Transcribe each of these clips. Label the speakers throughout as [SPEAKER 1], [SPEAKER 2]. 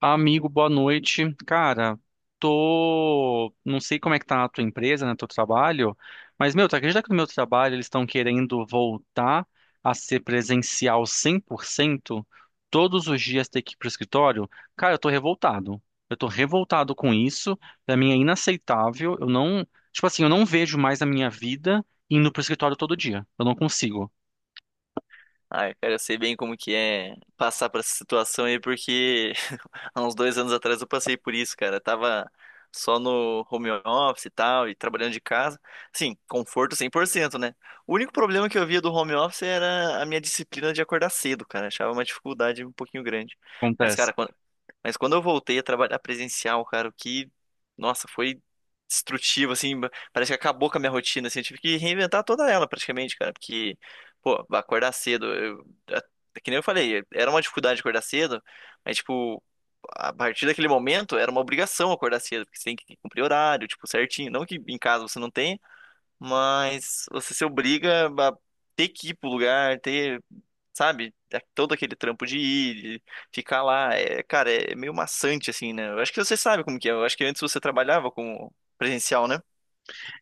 [SPEAKER 1] Amigo, boa noite. Cara, tô. Não sei como é que tá a tua empresa, né? Teu trabalho. Mas, meu, tu acredita que no meu trabalho eles estão querendo voltar a ser presencial cem por cento? Todos os dias ter que ir pro escritório? Cara, eu tô revoltado. Eu tô revoltado com isso. Pra mim é inaceitável. Eu não. Tipo assim, eu não vejo mais a minha vida indo pro escritório todo dia. Eu não consigo.
[SPEAKER 2] Ai, cara, eu sei bem como que é passar por essa situação aí, há uns 2 anos atrás eu passei por isso, cara. Tava só no home office e tal, e trabalhando de casa. Sim, conforto 100%, né? O único problema que eu via do home office era a minha disciplina de acordar cedo, cara. Achava uma dificuldade um pouquinho grande. Mas, cara,
[SPEAKER 1] Acontece.
[SPEAKER 2] quando... Mas quando eu voltei a trabalhar presencial, cara, nossa, foi destrutivo, assim. Parece que acabou com a minha rotina, assim. Eu tive que reinventar toda ela, praticamente, cara. Porque, pô, acordar cedo, é que nem eu falei, era uma dificuldade acordar cedo, mas, tipo, a partir daquele momento era uma obrigação acordar cedo, porque você tem que cumprir horário, tipo, certinho. Não que em casa você não tenha, mas você se obriga a ter que ir pro lugar, ter, sabe, é todo aquele trampo de ir, de ficar lá. É, cara, é meio maçante, assim, né? Eu acho que você sabe como que é. Eu acho que antes você trabalhava com presencial, né?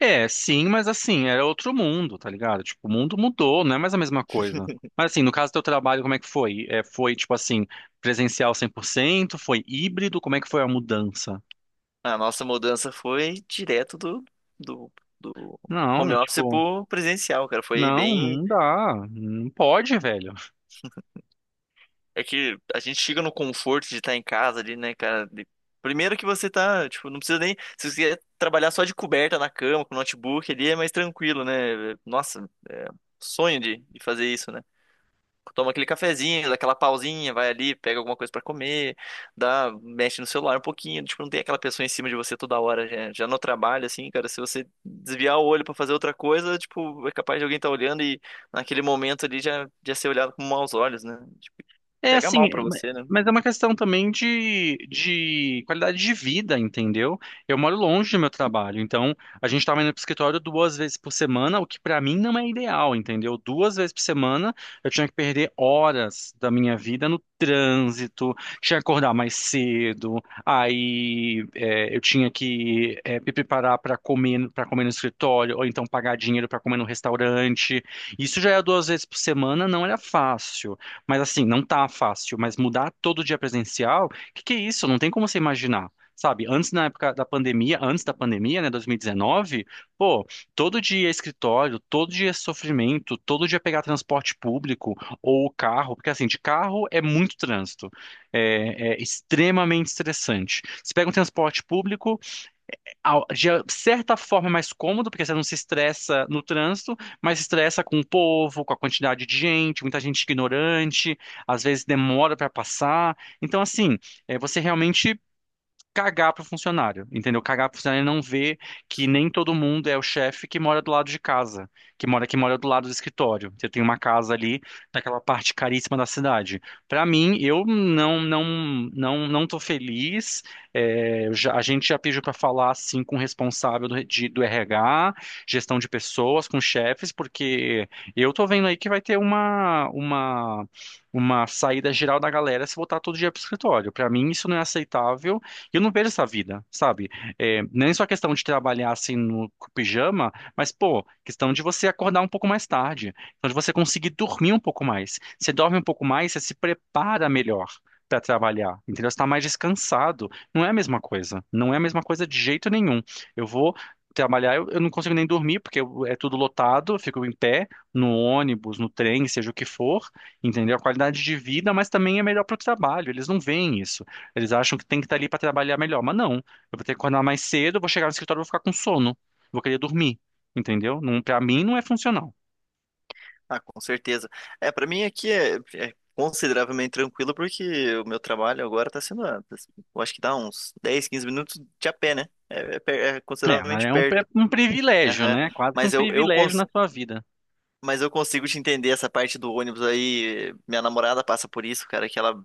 [SPEAKER 1] É, sim, mas assim, era outro mundo, tá ligado? Tipo, o mundo mudou, não é mais a mesma coisa. Mas assim, no caso do teu trabalho, como é que foi? É, foi, tipo assim, presencial 100%? Foi híbrido? Como é que foi a mudança?
[SPEAKER 2] A nossa mudança foi direto do, do home
[SPEAKER 1] Não,
[SPEAKER 2] office
[SPEAKER 1] tipo,
[SPEAKER 2] pro presencial, cara. Foi
[SPEAKER 1] não,
[SPEAKER 2] bem
[SPEAKER 1] não dá. Não pode, velho.
[SPEAKER 2] É que a gente chega no conforto de estar em casa ali, né, cara? Primeiro que você tá, tipo, não precisa nem. Se você quiser trabalhar só de coberta na cama, com notebook ali, é mais tranquilo, né? Nossa, é um sonho de fazer isso, né? Toma aquele cafezinho, dá aquela pausinha, vai ali, pega alguma coisa pra comer, dá, mexe no celular um pouquinho, tipo, não tem aquela pessoa em cima de você toda hora, já no trabalho, assim, cara, se você desviar o olho pra fazer outra coisa, tipo, é capaz de alguém estar olhando e naquele momento ali já ser olhado com maus olhos, né? Tipo,
[SPEAKER 1] É
[SPEAKER 2] pega
[SPEAKER 1] assim,
[SPEAKER 2] mal
[SPEAKER 1] é,
[SPEAKER 2] pra você, né?
[SPEAKER 1] mas é uma questão também de qualidade de vida, entendeu? Eu moro longe do meu trabalho, então a gente estava indo pro escritório duas vezes por semana, o que para mim não é ideal, entendeu? Duas vezes por semana eu tinha que perder horas da minha vida no trânsito, tinha que acordar mais cedo, aí é, eu tinha que me preparar para comer no escritório, ou então pagar dinheiro para comer no restaurante. Isso já era duas vezes por semana, não era fácil. Mas assim, não tá fácil, mas mudar todo dia presencial, que é isso? Não tem como você imaginar. Sabe, antes na época da pandemia, antes da pandemia, né, 2019, pô, todo dia é escritório, todo dia é sofrimento, todo dia é pegar transporte público ou carro, porque assim, de carro é muito trânsito, é, é extremamente estressante. Você pega um transporte público, de certa forma é mais cômodo, porque você não se estressa no trânsito, mas se estressa com o povo, com a quantidade de gente, muita gente ignorante, às vezes demora para passar. Então, assim, é, você realmente cagar pro funcionário, entendeu? Cagar pro funcionário e não ver que nem todo mundo é o chefe que mora do lado de casa, que mora do lado do escritório. Você tem uma casa ali naquela parte caríssima da cidade. Pra mim, eu não não tô feliz. É, eu a gente já pediu pra falar assim com o responsável do RH, gestão de pessoas, com chefes, porque eu tô vendo aí que vai ter uma uma saída geral da galera se voltar todo dia pro escritório. Pra mim, isso não é aceitável. E eu não vejo essa vida, sabe? É, nem só questão de trabalhar assim no com pijama, mas, pô, questão de você acordar um pouco mais tarde, questão de você conseguir dormir um pouco mais. Você dorme um pouco mais, você se prepara melhor para trabalhar, entendeu? Você tá mais descansado. Não é a mesma coisa. Não é a mesma coisa de jeito nenhum. Eu vou trabalhar, eu não consigo nem dormir, porque é tudo lotado, eu fico em pé, no ônibus, no trem, seja o que for, entendeu? A qualidade de vida, mas também é melhor para o trabalho. Eles não veem isso. Eles acham que tem que estar ali para trabalhar melhor, mas não. Eu vou ter que acordar mais cedo, vou chegar no escritório, vou ficar com sono, vou querer dormir, entendeu? Não, para mim não é funcional.
[SPEAKER 2] Ah, com certeza. É, pra mim aqui é consideravelmente tranquilo porque o meu trabalho agora tá sendo, eu acho que dá uns 10 15 minutos de a pé, né? É
[SPEAKER 1] É, mas
[SPEAKER 2] consideravelmente
[SPEAKER 1] é um,
[SPEAKER 2] perto.
[SPEAKER 1] um privilégio,
[SPEAKER 2] Aham.
[SPEAKER 1] né? Quase que um
[SPEAKER 2] Mas eu, eu
[SPEAKER 1] privilégio
[SPEAKER 2] cons...
[SPEAKER 1] na sua vida.
[SPEAKER 2] mas eu consigo te entender essa parte do ônibus aí. Minha namorada passa por isso, cara, que ela,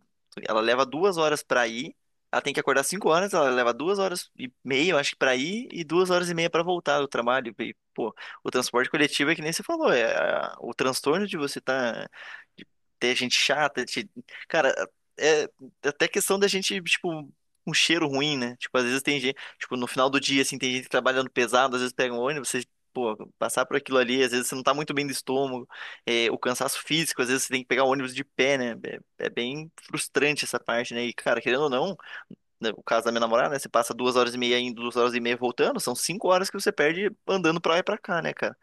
[SPEAKER 2] ela leva duas horas pra ir. Ela tem que acordar 5 horas, ela leva 2 horas e meia, eu acho que pra ir, e 2 horas e meia pra voltar do trabalho. E, pô, o transporte coletivo é que nem você falou, o transtorno de você tá, de ter gente chata, cara, é é até questão da gente, tipo, um cheiro ruim, né? Tipo, às vezes tem gente, tipo, no final do dia, assim, tem gente trabalhando pesado, às vezes pega um ônibus, pô, passar por aquilo ali, às vezes você não tá muito bem do estômago, é, o cansaço físico, às vezes você tem que pegar o ônibus de pé, né? É, é bem frustrante essa parte, né? E, cara, querendo ou não, né, o caso da minha namorada, né? Você passa 2 horas e meia indo, 2 horas e meia voltando, são 5 horas que você perde andando pra lá e pra cá, né, cara?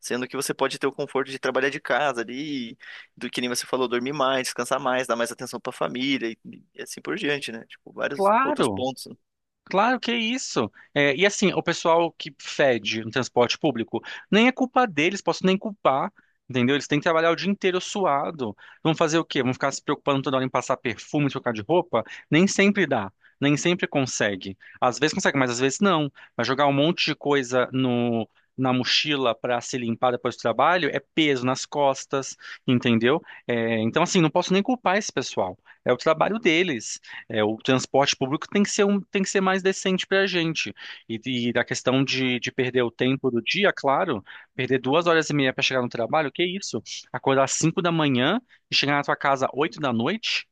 [SPEAKER 2] Sendo que você pode ter o conforto de trabalhar de casa ali, do que nem você falou, dormir mais, descansar mais, dar mais atenção pra família e assim por diante, né? Tipo, vários outros
[SPEAKER 1] Claro.
[SPEAKER 2] pontos, né?
[SPEAKER 1] Claro que é isso. É, e assim, o pessoal que fede no transporte público, nem é culpa deles, posso nem culpar, entendeu? Eles têm que trabalhar o dia inteiro suado. Vão fazer o quê? Vão ficar se preocupando toda hora em passar perfume, trocar de roupa? Nem sempre dá, nem sempre consegue. Às vezes consegue, mas às vezes não. Mas jogar um monte de coisa no, na mochila para se limpar depois do trabalho é peso nas costas, entendeu? É, então, assim, não posso nem culpar esse pessoal. É o trabalho deles. É, o transporte público tem que ser, um, tem que ser mais decente para a gente. E, e da questão de perder o tempo do dia, claro, perder duas horas e meia para chegar no trabalho, que isso? Acordar às cinco da manhã e chegar na tua casa às oito da noite?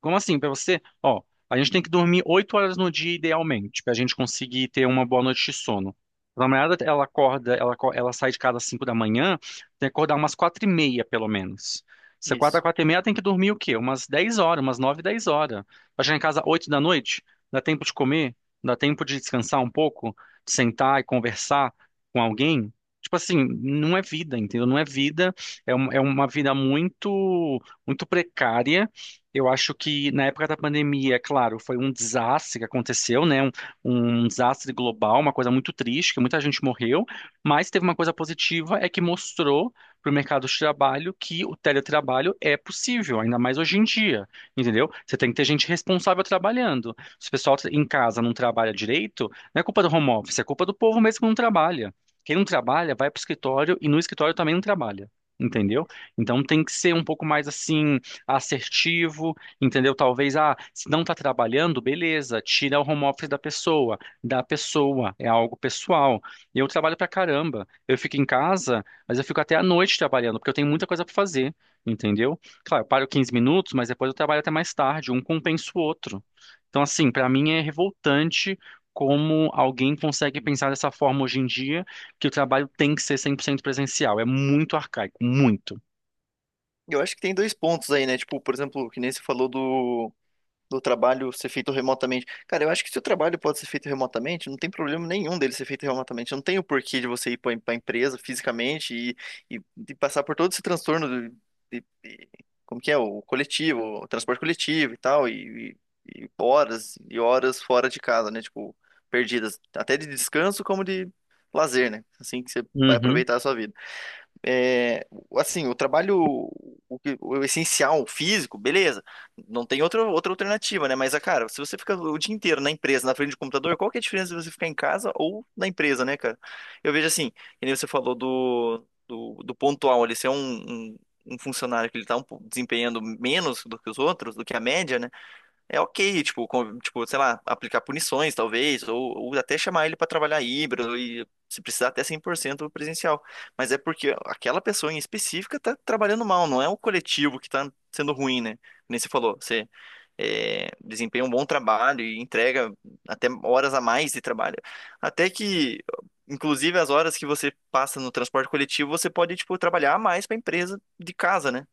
[SPEAKER 1] Como assim? Pra você, ó, a gente tem que dormir oito horas no dia idealmente, pra gente conseguir ter uma boa noite de sono. A namorada, ela acorda, ela, ela sai de casa às cinco da manhã, tem que acordar umas quatro e meia, pelo menos. Se acorda às
[SPEAKER 2] Isso.
[SPEAKER 1] quatro e meia, ela tem que dormir o quê? Umas dez horas, umas nove, dez horas. Pra chegar em casa às oito da noite, dá tempo de comer, dá tempo de descansar um pouco, de sentar e conversar com alguém. Tipo assim, não é vida, entendeu? Não é vida, é, é uma vida muito muito precária. Eu acho que na época da pandemia, é claro, foi um desastre que aconteceu, né? Um desastre global, uma coisa muito triste, que muita gente morreu, mas teve uma coisa positiva, é que mostrou para o mercado de trabalho que o teletrabalho é possível, ainda mais hoje em dia, entendeu? Você tem que ter gente responsável trabalhando. Se o pessoal em casa não trabalha direito, não é culpa do home office, é culpa do povo mesmo que não trabalha. Quem não trabalha vai para o escritório e no escritório também não trabalha, entendeu? Então tem que ser um pouco mais assim assertivo, entendeu? Talvez, ah, se não está trabalhando, beleza, tira o home office da pessoa, é algo pessoal. Eu trabalho pra caramba, eu fico em casa, mas eu fico até à noite trabalhando, porque eu tenho muita coisa pra fazer, entendeu? Claro, eu paro 15 minutos, mas depois eu trabalho até mais tarde, um compensa o outro. Então, assim, pra mim é revoltante como alguém consegue pensar dessa forma hoje em dia, que o trabalho tem que ser 100% presencial. É muito arcaico, muito.
[SPEAKER 2] Eu acho que tem dois pontos aí, né? Tipo, por exemplo, que nem você falou do trabalho ser feito remotamente. Cara, eu acho que se o trabalho pode ser feito remotamente, não tem problema nenhum dele ser feito remotamente. Não tem o porquê de você ir para a empresa fisicamente e, e passar por todo esse transtorno de, de- como que é, o coletivo, o transporte coletivo e tal, e horas fora de casa, né? Tipo, perdidas, até de descanso como de lazer, né? Assim que você vai
[SPEAKER 1] Uhum,
[SPEAKER 2] aproveitar a sua vida é, assim, o trabalho, o essencial, o físico, beleza. Não tem outra alternativa, né? Mas, ah, cara, se você fica o dia inteiro na empresa, na frente do computador, qual que é a diferença de você ficar em casa ou na empresa, né, cara? Eu vejo assim, que nem você falou do pontual ali, se é um funcionário que ele tá um pouco desempenhando menos do que os outros, do que a média, né? É ok, tipo, tipo, sei lá, aplicar punições, talvez, ou até chamar ele para trabalhar híbrido e se precisar até 100% presencial. Mas é porque aquela pessoa em específica tá trabalhando mal, não é o coletivo que tá sendo ruim, né? Nem você falou, você é, desempenha um bom trabalho e entrega até horas a mais de trabalho. Até que, inclusive, as horas que você passa no transporte coletivo, você pode, tipo, trabalhar a mais para a empresa de casa, né?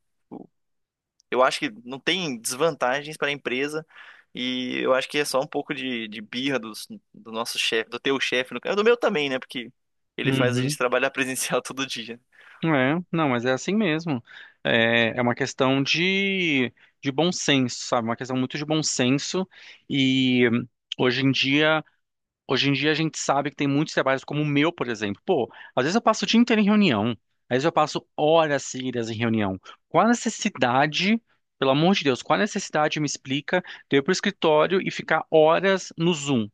[SPEAKER 2] Eu acho que não tem desvantagens para a empresa e eu acho que é só um pouco de birra do nosso chefe, do teu chefe, no caso, do meu também, né? Porque ele faz a gente
[SPEAKER 1] uhum.
[SPEAKER 2] trabalhar presencial todo dia.
[SPEAKER 1] É, não, mas é assim mesmo. É, é uma questão de bom senso, sabe? Uma questão muito de bom senso. E hoje em dia, hoje em dia a gente sabe que tem muitos trabalhos como o meu, por exemplo. Pô, às vezes eu passo o dia inteiro em reunião, às vezes eu passo horas seguidas em reunião. Qual a necessidade, pelo amor de Deus, qual a necessidade me explica de eu ir pro escritório e ficar horas no Zoom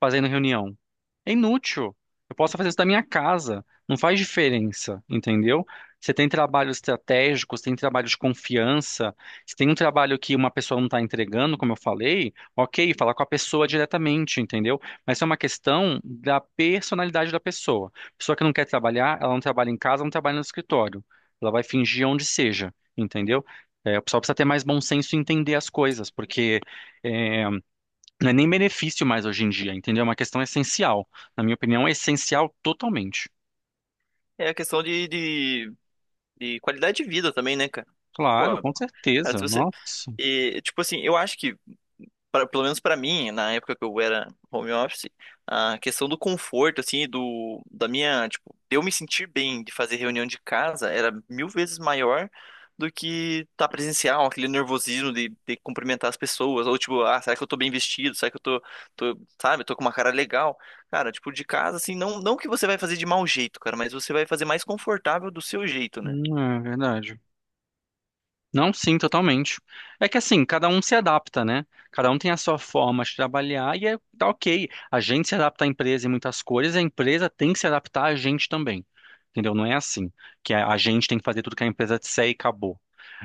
[SPEAKER 1] fazendo reunião? É inútil. Eu posso fazer isso da minha casa. Não faz diferença, entendeu? Você tem trabalhos estratégicos, tem trabalho de confiança. Se tem um trabalho que uma pessoa não está entregando, como eu falei, ok, falar com a pessoa diretamente, entendeu? Mas é uma questão da personalidade da pessoa. Pessoa que não quer trabalhar, ela não trabalha em casa, não trabalha no escritório. Ela vai fingir onde seja, entendeu? É, o pessoal precisa ter mais bom senso e entender as coisas, porque é, não é nem benefício mais hoje em dia, entendeu? É uma questão essencial. Na minha opinião, é essencial totalmente.
[SPEAKER 2] É a questão de qualidade de vida também, né, cara? Pô,
[SPEAKER 1] Claro, com
[SPEAKER 2] cara, se
[SPEAKER 1] certeza.
[SPEAKER 2] você.
[SPEAKER 1] Nossa.
[SPEAKER 2] E, tipo assim, eu acho que pelo menos pra mim, na época que eu era home office, a questão do conforto, assim, tipo, de eu me sentir bem de fazer reunião de casa era 1000 vezes maior do que tá presencial, aquele nervosismo de cumprimentar as pessoas, ou tipo, ah, será que eu tô bem vestido? Será que eu sabe, tô com uma cara legal? Cara, tipo, de casa, assim, não, não que você vai fazer de mau jeito, cara, mas você vai fazer mais confortável do seu jeito, né?
[SPEAKER 1] É verdade. Não, sim, totalmente. É que assim, cada um se adapta, né? Cada um tem a sua forma de trabalhar e é, tá ok. A gente se adapta à empresa em muitas coisas, a empresa tem que se adaptar a gente também. Entendeu? Não é assim que a gente tem que fazer tudo que a empresa disser e acabou.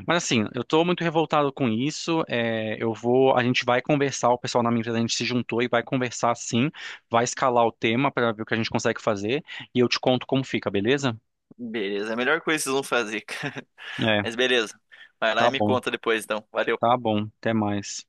[SPEAKER 1] Mas assim, eu tô muito revoltado com isso. É, eu vou, a gente vai conversar, o pessoal na minha empresa, a gente se juntou e vai conversar sim, vai escalar o tema para ver o que a gente consegue fazer e eu te conto como fica, beleza?
[SPEAKER 2] Beleza, é a melhor coisa que vocês vão fazer, cara.
[SPEAKER 1] É,
[SPEAKER 2] Mas beleza. Vai lá
[SPEAKER 1] tá
[SPEAKER 2] e me
[SPEAKER 1] bom,
[SPEAKER 2] conta depois, então.
[SPEAKER 1] tá
[SPEAKER 2] Valeu.
[SPEAKER 1] bom, até mais.